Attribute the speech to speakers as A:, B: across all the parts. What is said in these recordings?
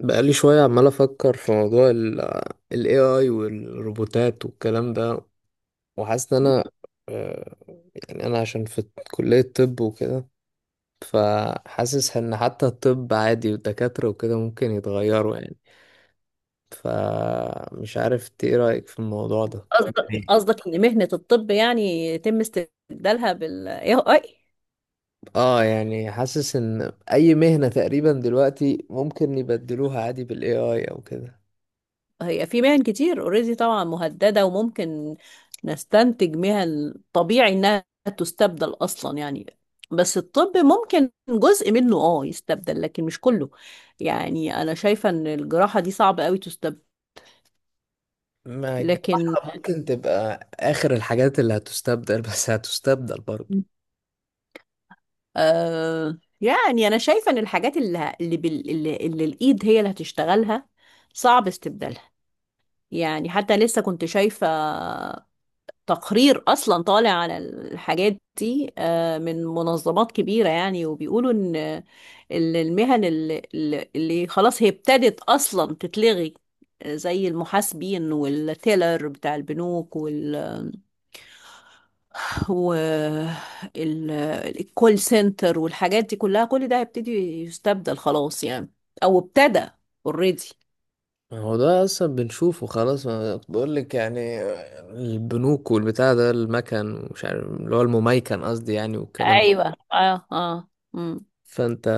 A: بقالي شوية عمال أفكر في موضوع ال AI والروبوتات والكلام ده. وحاسس إن أنا آه، يعني أنا عشان في كلية طب وكده، فحاسس إن حتى الطب عادي والدكاترة وكده ممكن يتغيروا يعني. فمش عارف إنت إيه رأيك في الموضوع ده؟
B: قصدك ان مهنة الطب يعني يتم استبدالها بال AI.
A: اه يعني حاسس ان اي مهنة تقريبا دلوقتي ممكن يبدلوها عادي بال AI او كده.
B: هي في مهن كتير اوريدي طبعا مهددة، وممكن نستنتج مهن طبيعي انها تستبدل اصلا يعني. بس الطب ممكن جزء منه يستبدل لكن مش كله. يعني انا شايفة ان الجراحة دي صعبة قوي تستبدل.
A: ما
B: لكن
A: الجراحة ممكن تبقى آخر الحاجات اللي هتستبدل، بس هتستبدل برضه.
B: يعني انا شايفة ان الحاجات اللي الايد هي اللي هتشتغلها صعب استبدالها. يعني حتى لسه كنت شايفة تقرير أصلا طالع على الحاجات دي، من منظمات كبيرة يعني، وبيقولوا إن المهن اللي خلاص هي ابتدت أصلا تتلغي، زي المحاسبين والتيلر بتاع البنوك والكول سنتر والحاجات دي كلها. كل ده هيبتدي يستبدل خلاص يعني، أو ابتدى اوريدي.
A: ما هو ده أصلا بنشوفه خلاص، ما بقول لك يعني، البنوك والبتاع ده المكن ومش عارف اللي هو المميكن قصدي يعني، والكلام ده.
B: ايوه، اه، اه.
A: فأنت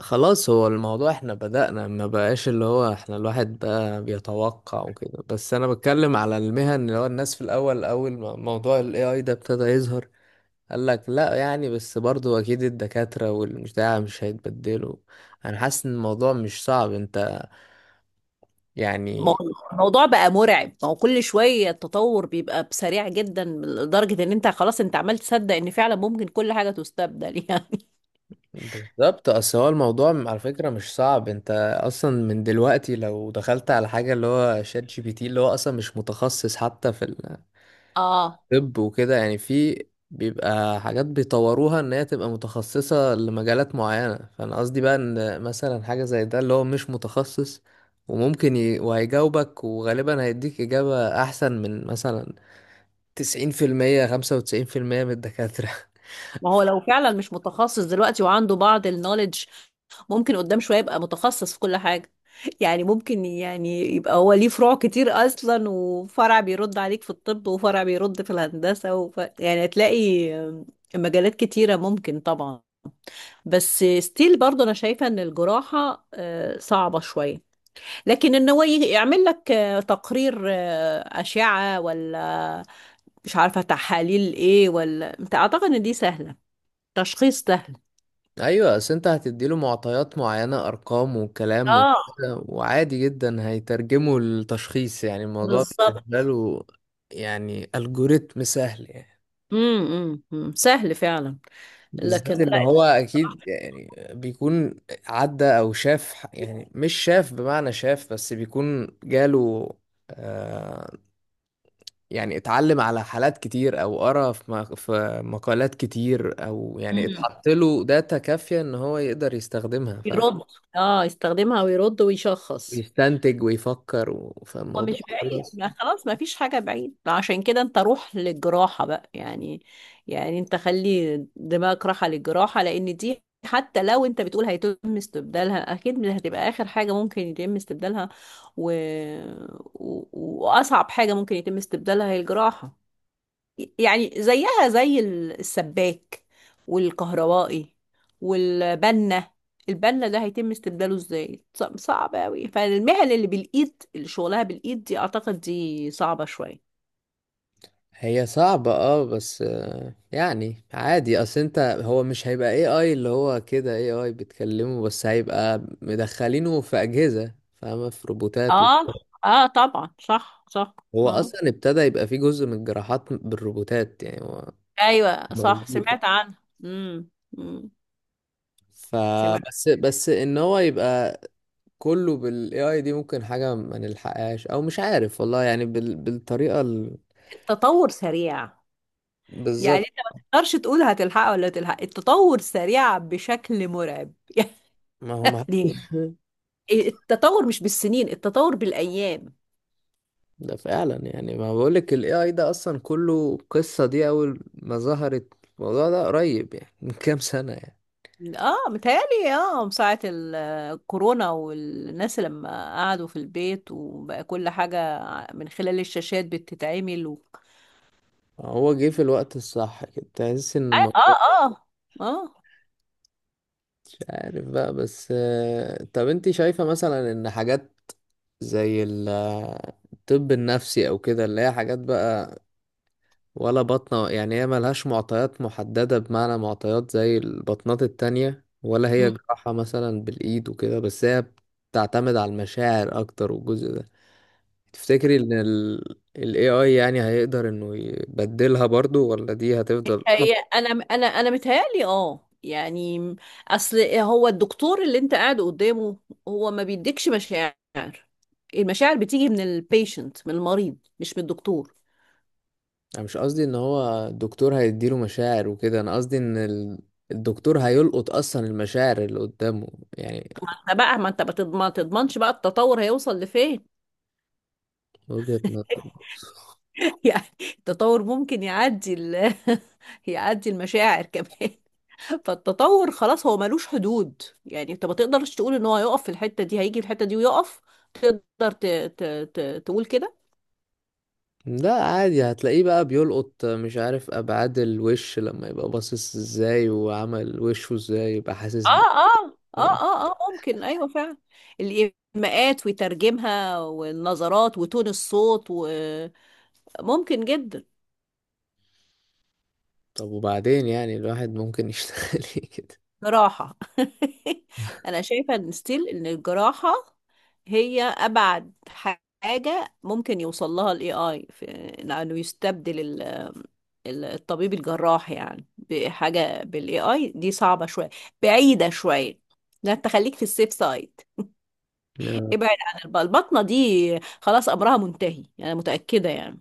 A: خلاص، هو الموضوع احنا بدأنا ما بقاش اللي هو احنا الواحد بقى بيتوقع وكده، بس أنا بتكلم على المهن اللي هو الناس في الأول، أول ما موضوع ال AI ده ابتدى يظهر قال لك لا يعني، بس برضو اكيد الدكاترة والبتاع مش هيتبدلوا. انا حاسس ان الموضوع مش صعب انت،
B: ما
A: يعني
B: هو الموضوع بقى مرعب، ما هو كل شوية التطور بيبقى بسريع جدا لدرجة ان انت خلاص انت عمال تصدق ان فعلا ممكن كل حاجة تستبدل يعني.
A: بالظبط. اصل هو الموضوع على فكرة مش صعب انت. اصلا من دلوقتي لو دخلت على حاجة اللي هو شات جي بي تي، اللي هو اصلا مش متخصص حتى في
B: اه.
A: طب وكده، يعني في بيبقى حاجات بيطوروها ان هي تبقى متخصصة لمجالات معينة. فانا قصدي بقى ان مثلا حاجة زي ده اللي هو مش متخصص، وممكن وهيجاوبك وغالبا هيديك إجابة أحسن من مثلا 90%، 95% من الدكاترة.
B: ما هو لو فعلا مش متخصص دلوقتي وعنده بعض النوليدج، ممكن قدام شوية يبقى متخصص في كل حاجة. يعني ممكن يعني يبقى هو ليه فروع كتير اصلا، وفرع بيرد عليك في الطب، وفرع بيرد في الهندسة، يعني هتلاقي مجالات كتيرة ممكن طبعا. بس ستيل برضه انا شايفة ان الجراحة صعبة شوية. لكن إن هو يعمل لك تقرير، أشعة، ولا مش عارفة تحاليل إيه، ولا أنت أعتقد إن دي سهلة، تشخيص سهل.
A: أيوة، أصل أنت هتديله معطيات معينة، أرقام وكلام
B: اه،
A: وكده، وعادي جدا هيترجمه لتشخيص، يعني الموضوع
B: بالظبط.
A: بالنسبة له يعني ألجوريتم سهل يعني.
B: سهل فعلا. لكن
A: بالذات ان
B: لا.
A: هو اكيد يعني بيكون عدى او شاف يعني مش شاف بمعنى شاف، بس بيكون جاله آه يعني اتعلم على حالات كتير، او قرا في مقالات كتير، او يعني
B: مم.
A: اتحط له داتا كافية ان هو يقدر يستخدمها، فاهم،
B: يرد. اه، يستخدمها ويرد ويشخص.
A: ويستنتج ويفكر
B: هو
A: فالموضوع
B: مش بعيد،
A: خلاص.
B: ما خلاص ما فيش حاجة بعيد. عشان كده انت روح للجراحة بقى يعني. يعني انت خلي دماغك راحة للجراحة، لان دي حتى لو انت بتقول هيتم استبدالها اكيد مش هتبقى اخر حاجة ممكن يتم استبدالها. و... و... واصعب حاجة ممكن يتم استبدالها هي الجراحة. يعني زيها زي السباك والكهربائي والبنة. البنة ده هيتم استبداله ازاي؟ صعب قوي. فالمهن اللي بالايد، اللي شغلها بالايد دي، اعتقد دي صعبة شوية.
A: هي صعبة اه، بس يعني عادي. اصل انت هو مش هيبقى اي اي اللي هو كده اي اي بتكلمه، بس هيبقى مدخلينه في اجهزة، فاهمة، في روبوتات
B: اه، اه طبعا، صح صح.
A: هو
B: اه،
A: اصلا ابتدى يبقى فيه جزء من الجراحات بالروبوتات، يعني هو
B: ايوه صح،
A: موجود.
B: سمعت عنها. امم. أمم. سمعت.
A: فبس ان هو يبقى كله بالاي اي دي، ممكن حاجة ما نلحقهاش او مش عارف والله، يعني بالطريقة
B: التطور سريع. يعني
A: بالظبط.
B: انت ما تقدرش تقول هتلحقها ولا تلحق، التطور سريع بشكل مرعب.
A: ما هو ما
B: يعني التطور مش بالسنين، التطور بالأيام.
A: ده فعلا، يعني ما بقولك، ال AI ده أصلا كله، قصة دي أول ما ظهرت الموضوع ده قريب يعني، من كام سنة يعني.
B: اه متهيألي، من ساعة الكورونا والناس لما قعدوا في البيت، وبقى كل حاجة من خلال الشاشات بتتعمل.
A: هو جه في الوقت الصح كده، تحس إن
B: اه،
A: الموضوع
B: اه، اه، آه.
A: مش عارف بقى. بس طب أنت شايفة مثلا إن حاجات زي الطب النفسي أو كده، اللي هي حاجات بقى ولا بطنة، يعني هي ملهاش معطيات محددة، بمعنى معطيات زي البطنات التانية، ولا هي
B: مم.
A: جراحة مثلا بالإيد وكده، بس هي بتعتمد على المشاعر أكتر، والجزء ده تفتكري ان ال AI يعني هيقدر انه يبدلها برضو، ولا دي هتفضل
B: هي، انا متهيألي يعني، اصل هو الدكتور اللي انت قاعد قدامه هو ما بيديكش مشاعر. المشاعر بتيجي من البيشنت، من المريض، مش من الدكتور.
A: انا مش قصدي ان هو الدكتور هيديله مشاعر وكده، انا قصدي ان الدكتور هيلقط اصلا المشاعر اللي قدامه يعني.
B: فبقى ما انت بتض- ما تضمنش بقى التطور هيوصل لفين.
A: وجهة نظر.
B: يعني التطور ممكن يعدي يعدي المشاعر كمان. فالتطور خلاص هو ملوش حدود. يعني انت ما تقدرش تقول ان هو هيقف في الحتة دي، هيجي في الحتة دي ويقف. تقدر ت... ت... ت... تقول كده.
A: لا، عادي هتلاقيه بقى بيلقط مش عارف ابعاد الوش، لما يبقى باصص ازاي وعمل وشه ازاي يبقى
B: اه،
A: حاسس
B: اه، اه، اه، اه، ممكن، ايوه فعلا. الايماءات ويترجمها، والنظرات، وتون الصوت، وممكن جدا.
A: طب وبعدين يعني الواحد ممكن يشتغل إيه كده؟
B: جراحة. أنا شايفة إن ستيل إن الجراحة هي أبعد حاجة ممكن يوصل لها ال AI في إنه يستبدل الطبيب الجراح. يعني بحاجة بال AI دي صعبة شوية، بعيدة شوية. لا، أنت خليك في السيف سايد.
A: آه،
B: ابعد عن البطنة دي، خلاص أمرها منتهي، أنا متأكدة يعني.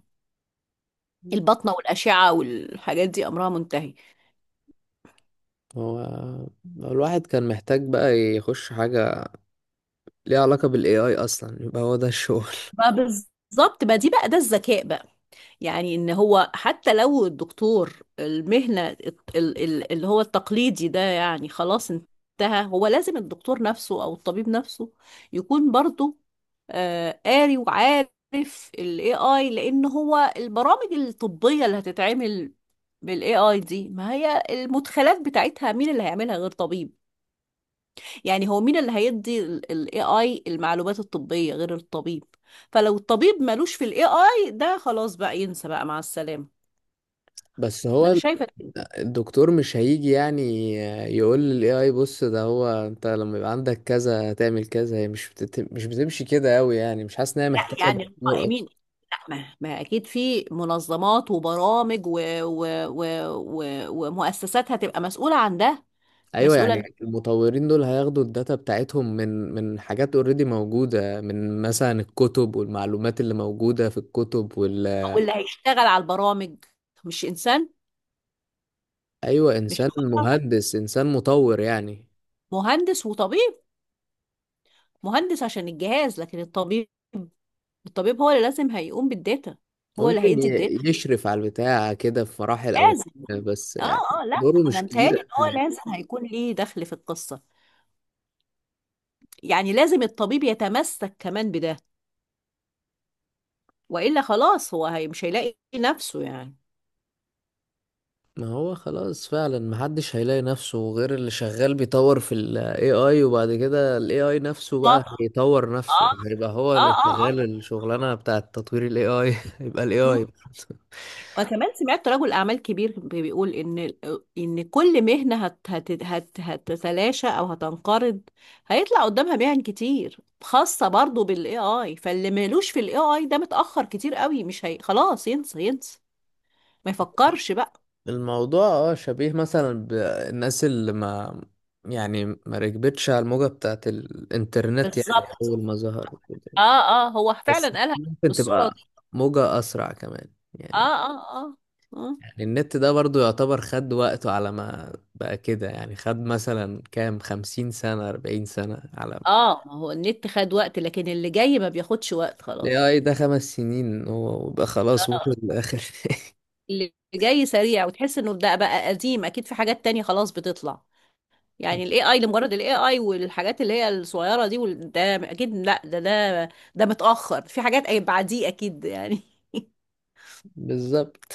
B: البطنة والأشعة والحاجات دي أمرها منتهي.
A: هو الواحد كان محتاج بقى يخش حاجة ليه علاقة بالاي اي اصلا، يبقى هو ده الشغل.
B: ما بالظبط، ما دي بقى ده الذكاء بقى. يعني ان هو حتى لو الدكتور المهنة اللي هو التقليدي ده يعني خلاص انتهى، هو لازم الدكتور نفسه او الطبيب نفسه يكون برضه قاري وعارف ال AI. لان هو البرامج الطبية اللي هتتعمل بال AI دي، ما هي المدخلات بتاعتها مين اللي هيعملها غير طبيب؟ يعني هو مين اللي هيدي ال AI المعلومات الطبية غير الطبيب؟ فلو الطبيب ملوش في ال AI ده خلاص بقى، ينسى بقى، مع السلامة.
A: بس هو
B: انا شايفه إن،
A: الدكتور مش هيجي يعني يقول للاي اي بص، ده هو انت لما يبقى عندك كذا تعمل كذا. هي مش مش بتمشي كده قوي، يعني مش حاسس ان هي محتاجة
B: لا يعني
A: دكتور اصلا.
B: القائمين، لا، ما اكيد في منظمات وبرامج و... ومؤسسات هتبقى مسؤوله عن ده.
A: ايوه
B: مسؤوله إن-
A: يعني المطورين دول هياخدوا الداتا بتاعتهم من حاجات اوريدي موجودة، من مثلا الكتب والمعلومات اللي موجودة في الكتب وال
B: واللي هيشتغل على البرامج مش انسان،
A: ايوه،
B: مش
A: انسان
B: بشر.
A: مهندس، انسان مطور يعني،
B: مهندس وطبيب. مهندس عشان الجهاز، لكن الطبيب، الطبيب هو اللي لازم هيقوم بالداتا. هو اللي
A: ممكن
B: هيدي الداتا
A: يشرف على البتاع كده في مراحل أول،
B: لازم.
A: بس
B: اه،
A: يعني
B: اه، لا
A: دوره
B: انا
A: مش كبير
B: متهيألي ان
A: قد
B: هو
A: يعني.
B: لازم هيكون ليه دخل في القصه. يعني لازم الطبيب يتمسك كمان بده، والا خلاص هو هي مش هيلاقي نفسه يعني.
A: ما هو خلاص، فعلا محدش هيلاقي نفسه غير اللي شغال بيطور في ال AI، وبعد كده ال AI نفسه بقى
B: اه،
A: هيطور نفسه، هيبقى هو
B: اه،
A: اللي
B: اه،
A: شغال
B: اه.
A: الشغلانة بتاعة تطوير ال AI، يبقى ال
B: مم.
A: AI
B: وكمان سمعت رجل اعمال كبير بيقول ان كل مهنه هت هت هت هتتلاشى او هتنقرض، هيطلع قدامها مهن كتير خاصه برضو بالاي اي. فاللي مالوش في الاي اي ده متاخر كتير قوي. مش هي خلاص، ينسى، ينسى، ما يفكرش بقى.
A: الموضوع. اه شبيه مثلا بالناس اللي ما، يعني ما ركبتش على الموجة بتاعة الانترنت، يعني
B: بالظبط.
A: أول ما ظهر وكده.
B: اه، اه، هو
A: بس
B: فعلا قالها
A: ممكن
B: بالصوره
A: تبقى
B: دي.
A: موجة أسرع كمان يعني.
B: اه، اه، اه، اه،
A: يعني النت ده برضو يعتبر خد وقته على ما بقى كده، يعني خد مثلا كام، 50 سنة، 40 سنة، على
B: اه. ما هو النت خد وقت، لكن اللي جاي ما بياخدش وقت
A: ال
B: خلاص.
A: AI ده 5 سنين هو وبقى خلاص وصل
B: آه.
A: لآخر.
B: اللي جاي سريع، وتحس انه ده بقى قديم، اكيد في حاجات تانية خلاص بتطلع. يعني الاي اي لمجرد الاي اي والحاجات اللي هي الصغيرة دي ده اكيد لا، ده متأخر في حاجات، بعديه اكيد يعني.
A: بالظبط.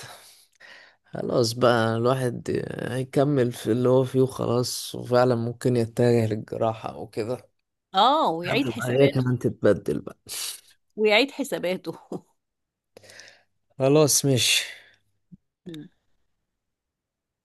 A: خلاص بقى، الواحد هيكمل في اللي هو فيه وخلاص، وفعلا ممكن يتجه للجراحة أو كده
B: اه،
A: لحد
B: ويعيد
A: ما هي
B: حساباته.
A: كمان تتبدل بقى.
B: ويعيد حساباته.
A: خلاص ماشي.